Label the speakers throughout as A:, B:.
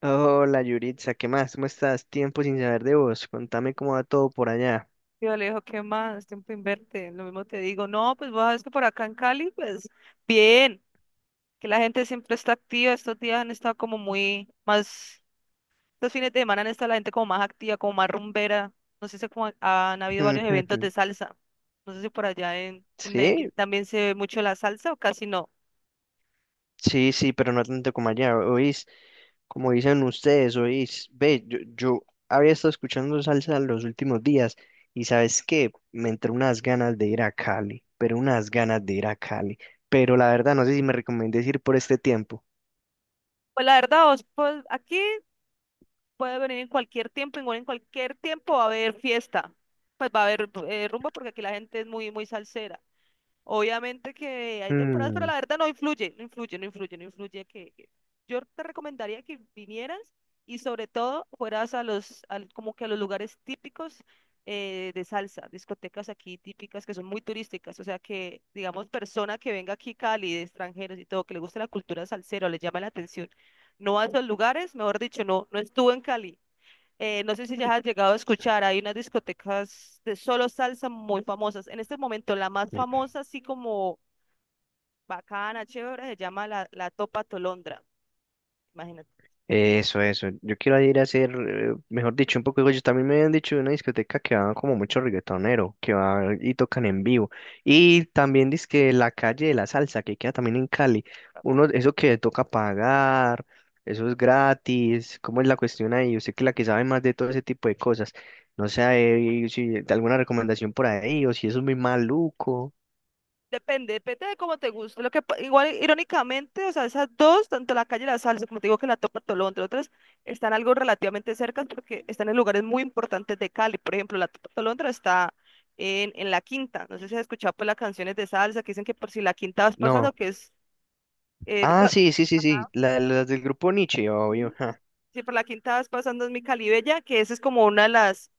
A: Hola Yuritza, ¿qué más? ¿Cómo estás? Tiempo sin saber de vos. Contame cómo va todo por allá.
B: Yo le digo, ¿qué más? Tiempo inverte. Lo mismo te digo. No, pues vos sabes que por acá en Cali, pues bien, que la gente siempre está activa. Estos días han estado como muy más, estos fines de semana han estado la gente como más activa, como más rumbera. No sé si como han habido varios eventos de salsa. No sé si por allá en Medellín
A: Sí,
B: también se ve mucho la salsa o casi no.
A: sí, sí, pero no tanto como allá. Oís, como dicen ustedes, oís. Ve, yo había estado escuchando salsa los últimos días y ¿sabes qué? Me entró unas ganas de ir a Cali, pero unas ganas de ir a Cali. Pero la verdad, no sé si me recomendé ir por este tiempo.
B: Pues la verdad, vos, pues aquí puede venir en cualquier tiempo, igual en cualquier tiempo va a haber fiesta. Pues va a haber rumba porque aquí la gente es muy salsera. Obviamente que hay temporadas, pero la verdad no influye yo te recomendaría que vinieras y sobre todo fueras a como que a los lugares típicos de salsa, discotecas aquí típicas que son muy turísticas, o sea que, digamos, persona que venga aquí Cali, de extranjeros y todo, que le guste la cultura salsera o le llama la atención, no a esos lugares, mejor dicho, no, no estuvo en Cali. No sé si ya has llegado a escuchar, hay unas discotecas de solo salsa muy famosas. En este momento, la más famosa, así como bacana, chévere, se llama la Topa Tolondra. Imagínate.
A: Eso, eso. Yo quiero ir a hacer, mejor dicho, un poco de yo. También me habían dicho de una discoteca que va como mucho reggaetonero, que va y tocan en vivo. Y también dice que la calle de la salsa, que queda también en Cali. Uno, eso que toca pagar, eso es gratis. ¿Cómo es la cuestión ahí? Usted que es la que sabe más de todo ese tipo de cosas. No sé ahí si alguna recomendación por ahí o si eso es muy maluco.
B: Depende, depende de cómo te guste. Lo que, pa- igual, irónicamente, o sea, esas dos, tanto la calle La Salsa, como te digo que la Topa Tolondra, otras están algo relativamente cerca porque están en lugares muy importantes de Cali. Por ejemplo, la Topa Tolondra está en La Quinta. No sé si has escuchado pues, las canciones de salsa que dicen que por si La Quinta vas pasando,
A: No.
B: que es... eh,
A: Ah,
B: cua-
A: sí, sí, sí, sí.
B: Ajá.
A: La- las del grupo Nietzsche, obvio, ja.
B: Sí, por la quinta vas pasando en mi Calibella, que esa es como una de las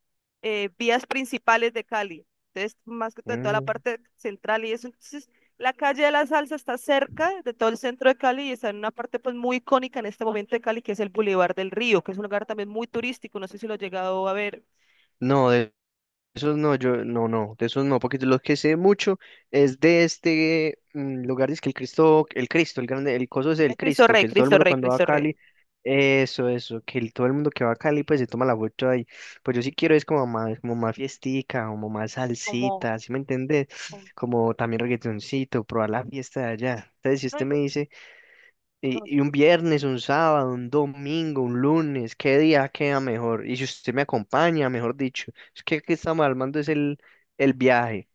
B: vías principales de Cali. Entonces, más que todo, toda la
A: Mm.
B: parte central y eso. Entonces, la calle de la Salsa está cerca de todo el centro de Cali y está en una parte pues muy icónica en este momento de Cali, que es el Boulevard del Río, que es un lugar también muy turístico. No sé si lo he llegado a ver.
A: No, de esos no, yo no, no, de esos no, porque de los que sé mucho es de este lugar, es que el Cristo, el Cristo, el grande, el coso es el
B: Cristo
A: Cristo,
B: Rey,
A: que todo el
B: Cristo
A: mundo
B: Rey,
A: cuando va a
B: Cristo Rey.
A: Cali, eso, que el- todo el mundo que va a Cali pues se toma la foto ahí, pues yo sí quiero es como más fiestica, como más
B: Como,
A: salsita, ¿sí me entendés?
B: como-
A: Como también reggaetoncito, probar la fiesta de allá, entonces si
B: no
A: usted me
B: digo-
A: dice
B: no sé.
A: y un viernes, un sábado, un domingo, un lunes, ¿qué día queda mejor? Y si usted me acompaña, mejor dicho, es que aquí estamos armando es el viaje.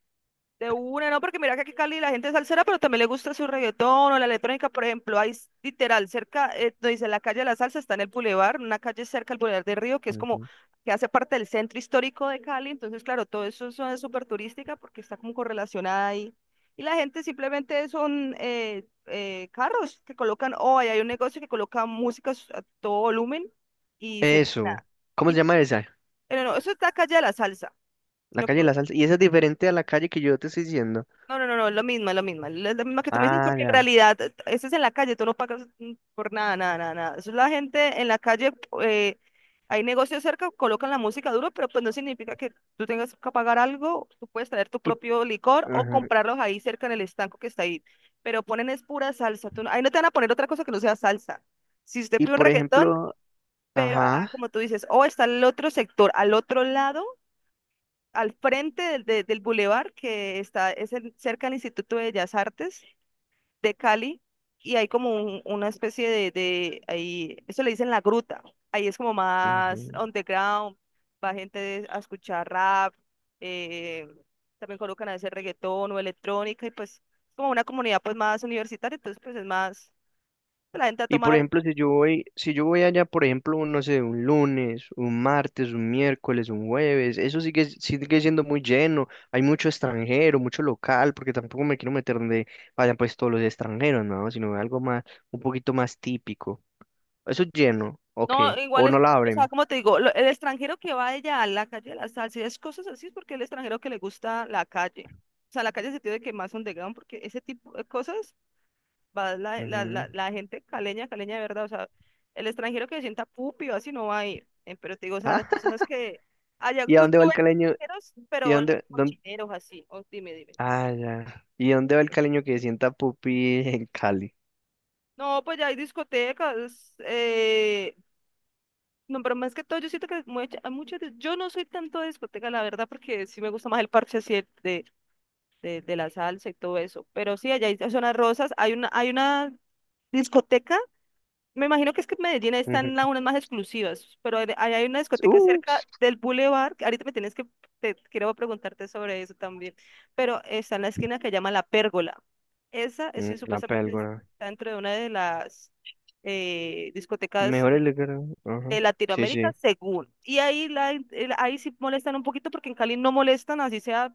B: De una, no, porque mira que aquí en Cali la gente es salsera, pero también le gusta su reggaetón o la electrónica, por ejemplo, hay s- literal cerca, no dice la calle de la salsa, está en el bulevar, una calle cerca del bulevar de Río, que es como,
A: Ujú.
B: que hace parte del centro histórico de Cali, entonces claro, todo eso es súper turística porque está como correlacionada ahí, y la gente simplemente son carros que colocan, o ahí hay un negocio que coloca música a todo volumen, y se, nada,
A: Eso. ¿Cómo se
B: y,
A: llama esa?
B: pero no, eso está calle de la salsa,
A: La
B: sino
A: calle
B: que
A: de la salsa. Y esa es diferente a la calle que yo te estoy diciendo.
B: No, es lo mismo, es lo mismo. Es lo mismo que tú me dices,
A: Ah,
B: porque en
A: ya.
B: realidad eso es en la calle, tú no pagas por nada. Eso es la gente en la calle, eh, hay negocios cerca, colocan la música duro, pero pues no significa que tú tengas que pagar algo, tú puedes traer tu
A: Y,
B: propio licor o
A: ajá,
B: comprarlos ahí cerca en el estanco que está ahí. Pero ponen es pura salsa, tú no- ahí no te van a poner otra cosa que no sea salsa. Si usted
A: y
B: pide un
A: por
B: reggaetón,
A: ejemplo,
B: pero
A: ajá.
B: como tú dices, o está el otro sector, al otro lado al frente del bulevar que está es el- cerca del Instituto de Bellas Artes de Cali y hay como un- una especie de ahí, eso le dicen la gruta. Ahí es como más underground, va gente a escuchar rap, eh, también colocan a veces reggaetón o electrónica y pues como una comunidad pues más universitaria, entonces pues es más, pues, la gente a
A: Y por
B: tomar
A: ejemplo, si yo voy, si yo voy allá, por ejemplo, un, no sé, un lunes, un martes, un miércoles, un jueves, eso sigue, sigue siendo muy lleno. Hay mucho extranjero, mucho local, porque tampoco me quiero meter donde vayan pues todos los extranjeros, ¿no? Sino algo más, un poquito más típico. Eso es lleno, ok.
B: No, igual
A: O
B: es,
A: no la
B: o sea,
A: abren.
B: como te digo, lo- el extranjero que va allá a la calle de la salsa y es cosas así, es porque el extranjero que le gusta la calle. O sea, la calle se tiene que más underground, porque ese tipo de cosas va la, la,
A: Ujú.
B: la, la gente caleña, caleña de verdad. O sea, el extranjero que se sienta pupi o así no va a ir. Pero te digo, o sea,
A: Ah,
B: las personas que allá,
A: ¿y a
B: tú,
A: dónde
B: tú
A: va el
B: eres
A: caleño?
B: extranjeros,
A: ¿Y a
B: pero los
A: dónde, dónde-
B: cochineros así. O dime, dime.
A: ah, ya. ¿Y a dónde va el caleño que sienta pupi en Cali?
B: No, pues ya hay discotecas, no, pero más que todo, yo siento que mucha- hay muchas, de- yo no soy tanto de discoteca, la verdad, porque sí me gusta más el parche así de la salsa y todo eso. Pero sí, allá hay zonas rosas, hay una discoteca, me imagino que es que en Medellín están
A: Ujú.
B: las unas más exclusivas, pero hay hay una discoteca
A: Uh,
B: cerca del Boulevard, que ahorita me tienes que, te, quiero preguntarte sobre eso también, pero está en la esquina que llama La Pérgola. Esa, eso
A: la
B: supuestamente
A: pélgora.
B: está dentro de una de las discotecas
A: Mejor el de cara. Ajá.
B: de
A: Sí,
B: Latinoamérica
A: sí.
B: según. Y ahí, la, en- el- ahí sí molestan un poquito porque en Cali no molestan, así sea,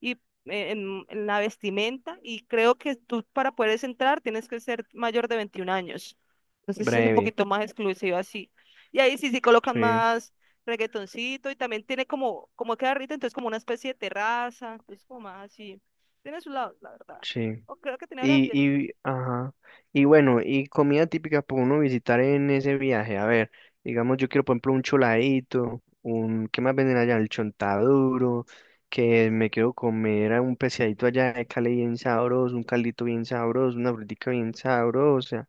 B: y en la vestimenta. Y creo que tú para poder entrar tienes que ser mayor de 21 años. Entonces es un
A: Breve.
B: poquito más exclusivo así. Y ahí sí, sí colocan
A: Sí,
B: más reggaetoncito y también tiene como, como queda rico, entonces como una especie de terraza, entonces como más así. Tiene su lado, la verdad.
A: sí.
B: O creo que tiene ahora
A: Y, ajá. Y bueno, y comida típica para uno visitar en ese viaje. A ver, digamos, yo quiero, por ejemplo, un choladito, un, ¿qué más venden allá? El chontaduro, que me quiero comer a un pescadito allá de Cali bien sabroso, un caldito bien sabroso, una frutica bien sabrosa,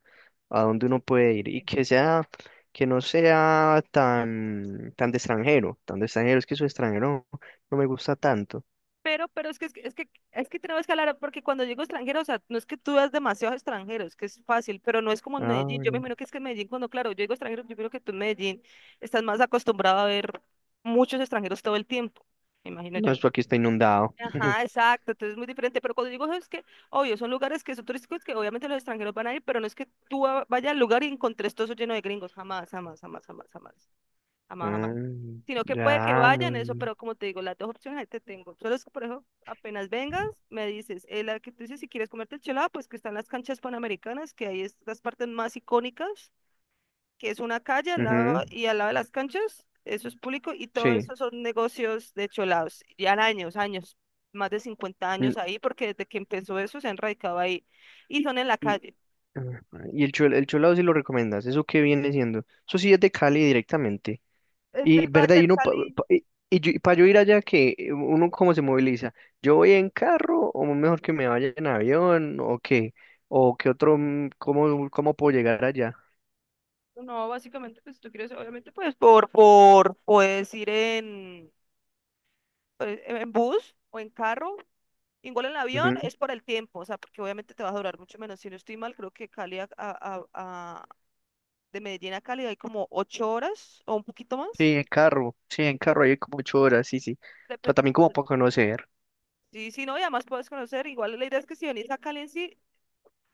A: a dónde uno puede ir y que sea, que no sea tan, tan de extranjero, es que su extranjero no me gusta tanto.
B: Es que tenemos que hablar, porque cuando digo extranjero, o sea, no es que tú veas demasiados extranjeros, que es fácil, pero no es como en
A: Ah,
B: Medellín. Yo me
A: ya.
B: imagino que es que en Medellín, cuando, claro, yo digo extranjero, yo creo que tú en Medellín estás más acostumbrado a ver muchos extranjeros todo el tiempo, me imagino
A: No,
B: yo.
A: esto aquí está inundado.
B: Ajá, exacto, entonces es muy diferente, pero cuando digo eso es que, obvio, son lugares que son turísticos que obviamente los extranjeros van a ir, pero no es que tú va- vayas al lugar y encontres todo eso lleno de gringos, jamás.
A: Mm,
B: Sino que
A: ya,
B: puede que
A: no,
B: vayan eso,
A: no.
B: pero como te digo, las dos opciones ahí te tengo. Solo es que, por eso, apenas vengas, me dices, la que tú dices, si quieres comerte el chelado, pues que están las canchas panamericanas, que ahí es las partes más icónicas, que es una calle al
A: Ujú,
B: lado y al lado de las canchas, eso es público y todo
A: sí.
B: eso son negocios de cholados. Ya años, más de cincuenta
A: Mm.
B: años ahí, porque desde que empezó eso se han radicado ahí y son en la
A: Y,
B: calle.
A: ah, y el, chul- el chulado sí lo recomiendas, ¿eso qué viene siendo? Eso sí es de Cali directamente.
B: Es del
A: Y,
B: Valle
A: ¿verdad? Y
B: del
A: uno, pa-
B: Cali.
A: pa- y para yo ir allá, que uno cómo se moviliza. ¿Yo voy en carro o mejor que me vaya en avión o qué? ¿O qué otro, cómo, cómo puedo llegar allá?
B: No, básicamente, pues si tú quieres, obviamente, pues puedes ir en bus o en carro, igual en avión,
A: Ujú.
B: es por el tiempo, o sea, porque obviamente te va a durar mucho menos. Si no estoy mal, creo que Cali de Medellín a Cali hay como 8 horas o un poquito más,
A: Sí, en carro hay como 8 horas, sí, sí. Pero
B: depende.
A: también como
B: Un
A: para conocer.
B: sí, sí, no, y además puedes conocer, igual la idea es que si venís a Cali en sí,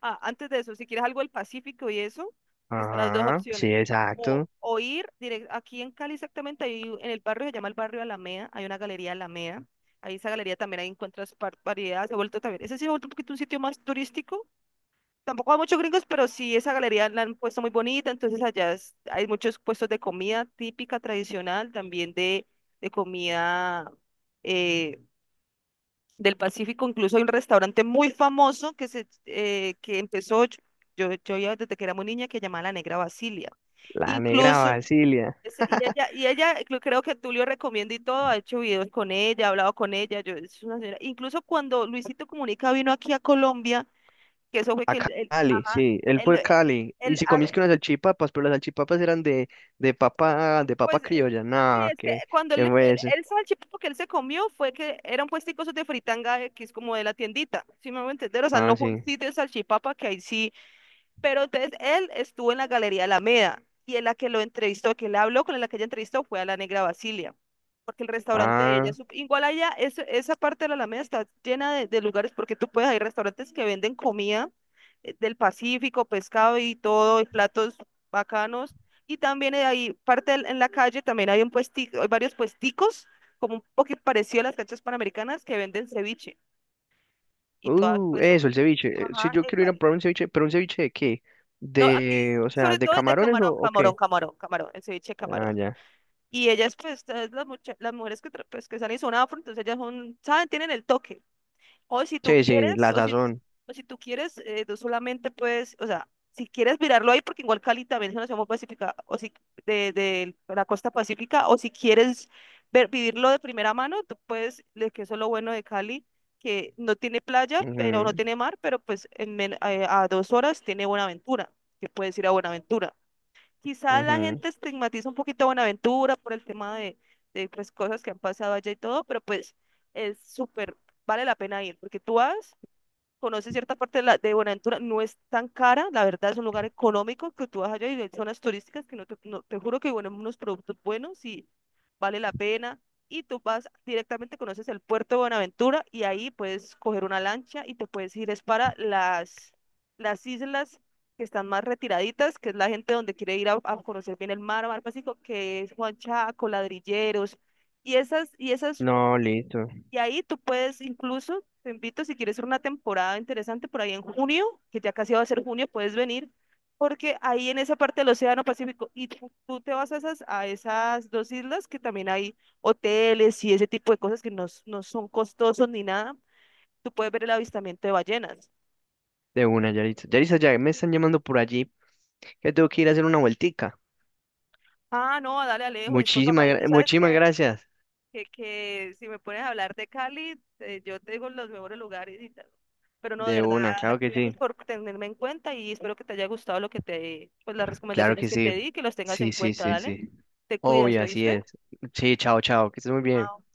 B: ah, antes de eso, si quieres algo del Pacífico y eso, están las dos
A: Ajá, sí,
B: opciones.
A: exacto.
B: O ir directo, aquí en Cali exactamente, hay, un- en el barrio se llama el barrio Alameda, hay una galería Alameda. Ahí esa galería también ahí encuentras par- variedades, se ha vuelto también. Ese sí se ha vuelto un poquito un sitio más turístico. Tampoco hay muchos gringos, pero sí esa galería la han puesto muy bonita, entonces allá es- hay muchos puestos de comida típica, tradicional, también de comida, eh, del Pacífico. Incluso hay un restaurante muy famoso que, se, que empezó, yo ya desde que era muy niña, que llamaba La Negra Basilia.
A: La negra
B: Incluso,
A: Basilia.
B: ese- y ella, cre- creo que Tulio recomienda y todo, ha hecho videos con ella, ha hablado con ella. Yo, es una señora- Incluso cuando Luisito Comunica vino aquí a Colombia, que eso fue
A: A
B: que
A: Cali,
B: ajá,
A: sí, él
B: el,
A: fue a Cali. Y
B: el,
A: si comiste unas salchipapas, pero las salchipapas eran de papa
B: pues
A: criolla.
B: sí,
A: No,
B: es que
A: ¿qué,
B: cuando
A: qué fue eso?
B: él salchipapa que él se comió fue que era un puestico esos de fritanga X como de la tiendita, si me voy a entender, o sea,
A: Ah,
B: no fue un
A: sí.
B: sitio de salchipapa que ahí sí pero entonces él estuvo en la Galería Alameda y en la que lo entrevistó, que le habló con la que ella entrevistó fue a la Negra Basilia, porque el restaurante de ella,
A: Ah,
B: sup- igual allá, es- esa parte de la Alameda está llena de lugares porque tú puedes, hay restaurantes que venden comida del Pacífico, pescado y todo, y platos bacanos. Y también hay parte del- en la calle, también hay un puestico, hay varios puesticos, como un poquito parecido a las canchas panamericanas, que venden ceviche. Y todas pues son,
A: eso, el ceviche. Si
B: ajá,
A: yo quiero ir a probar un ceviche, pero ¿un ceviche de qué?
B: no, aquí,
A: De, o sea,
B: sobre
A: ¿de
B: todo es de
A: camarones o qué?
B: camarón, el ceviche de
A: Ah,
B: camarón.
A: ya.
B: Y ellas, pues, todas las, mucha- las mujeres que, tra- pues, que salen son afro, entonces ellas son, saben, tienen el toque. O si tú
A: Sí, sí,
B: quieres,
A: la
B: o si,
A: sazón.
B: o si tú quieres, tú solamente puedes, o sea, si quieres mirarlo ahí, porque igual Cali también es una ciudad muy pacífica, o si de la costa pacífica, o si quieres ver, vivirlo de primera mano, tú puedes, le- que eso es lo bueno de Cali, que no tiene playa, pero no
A: Ujú,
B: tiene mar, pero pues en men- a 2 horas tiene Buenaventura, que puedes ir a Buenaventura. Quizá la
A: ujú.
B: gente estigmatiza un poquito a Buenaventura por el tema de pues, cosas que han pasado allá y todo, pero pues es súper, vale la pena ir, porque tú vas conoce cierta parte de Buenaventura, no es tan cara, la verdad es un lugar económico que tú vas allá y hay zonas turísticas que no te, no- te juro que bueno, unos productos buenos y vale la pena. Y tú vas directamente, conoces el puerto de Buenaventura y ahí puedes coger una lancha y te puedes ir es para las islas que están más retiraditas, que es la gente donde quiere ir a conocer bien el mar, mar Pacífico, que es Juan Chaco, Ladrilleros. Y esas
A: No, listo.
B: y ahí tú puedes incluso, te invito si quieres hacer una temporada interesante por ahí en junio, que ya casi va a ser junio, puedes venir, porque ahí en esa parte del Océano Pacífico, y tú te vas a a esas dos islas que también hay hoteles y ese tipo de cosas que no, s- no son costosos ni nada, tú puedes ver el avistamiento de ballenas.
A: De una, Yaritza. Yaritza, ya me están llamando por allí, que tengo que ir a hacer una vueltica.
B: Ah, no, dale Alejo, y después
A: Muchísimas,
B: papá, y tú
A: gra-
B: sabes
A: muchísimas
B: que
A: gracias.
B: que si me pones a hablar de Cali, yo te digo los mejores lugares y tal. Pero no, de
A: De
B: verdad,
A: una, claro que
B: gracias
A: sí.
B: por tenerme en cuenta y espero que te haya gustado lo que te, pues las
A: Claro
B: recomendaciones
A: que
B: que te
A: sí.
B: di, que los tengas en
A: Sí, sí,
B: cuenta,
A: sí,
B: dale.
A: sí.
B: Te cuidas,
A: Obvio, así
B: ¿oíste?
A: es. Sí, chao, chao, que estés muy
B: Ah,
A: bien.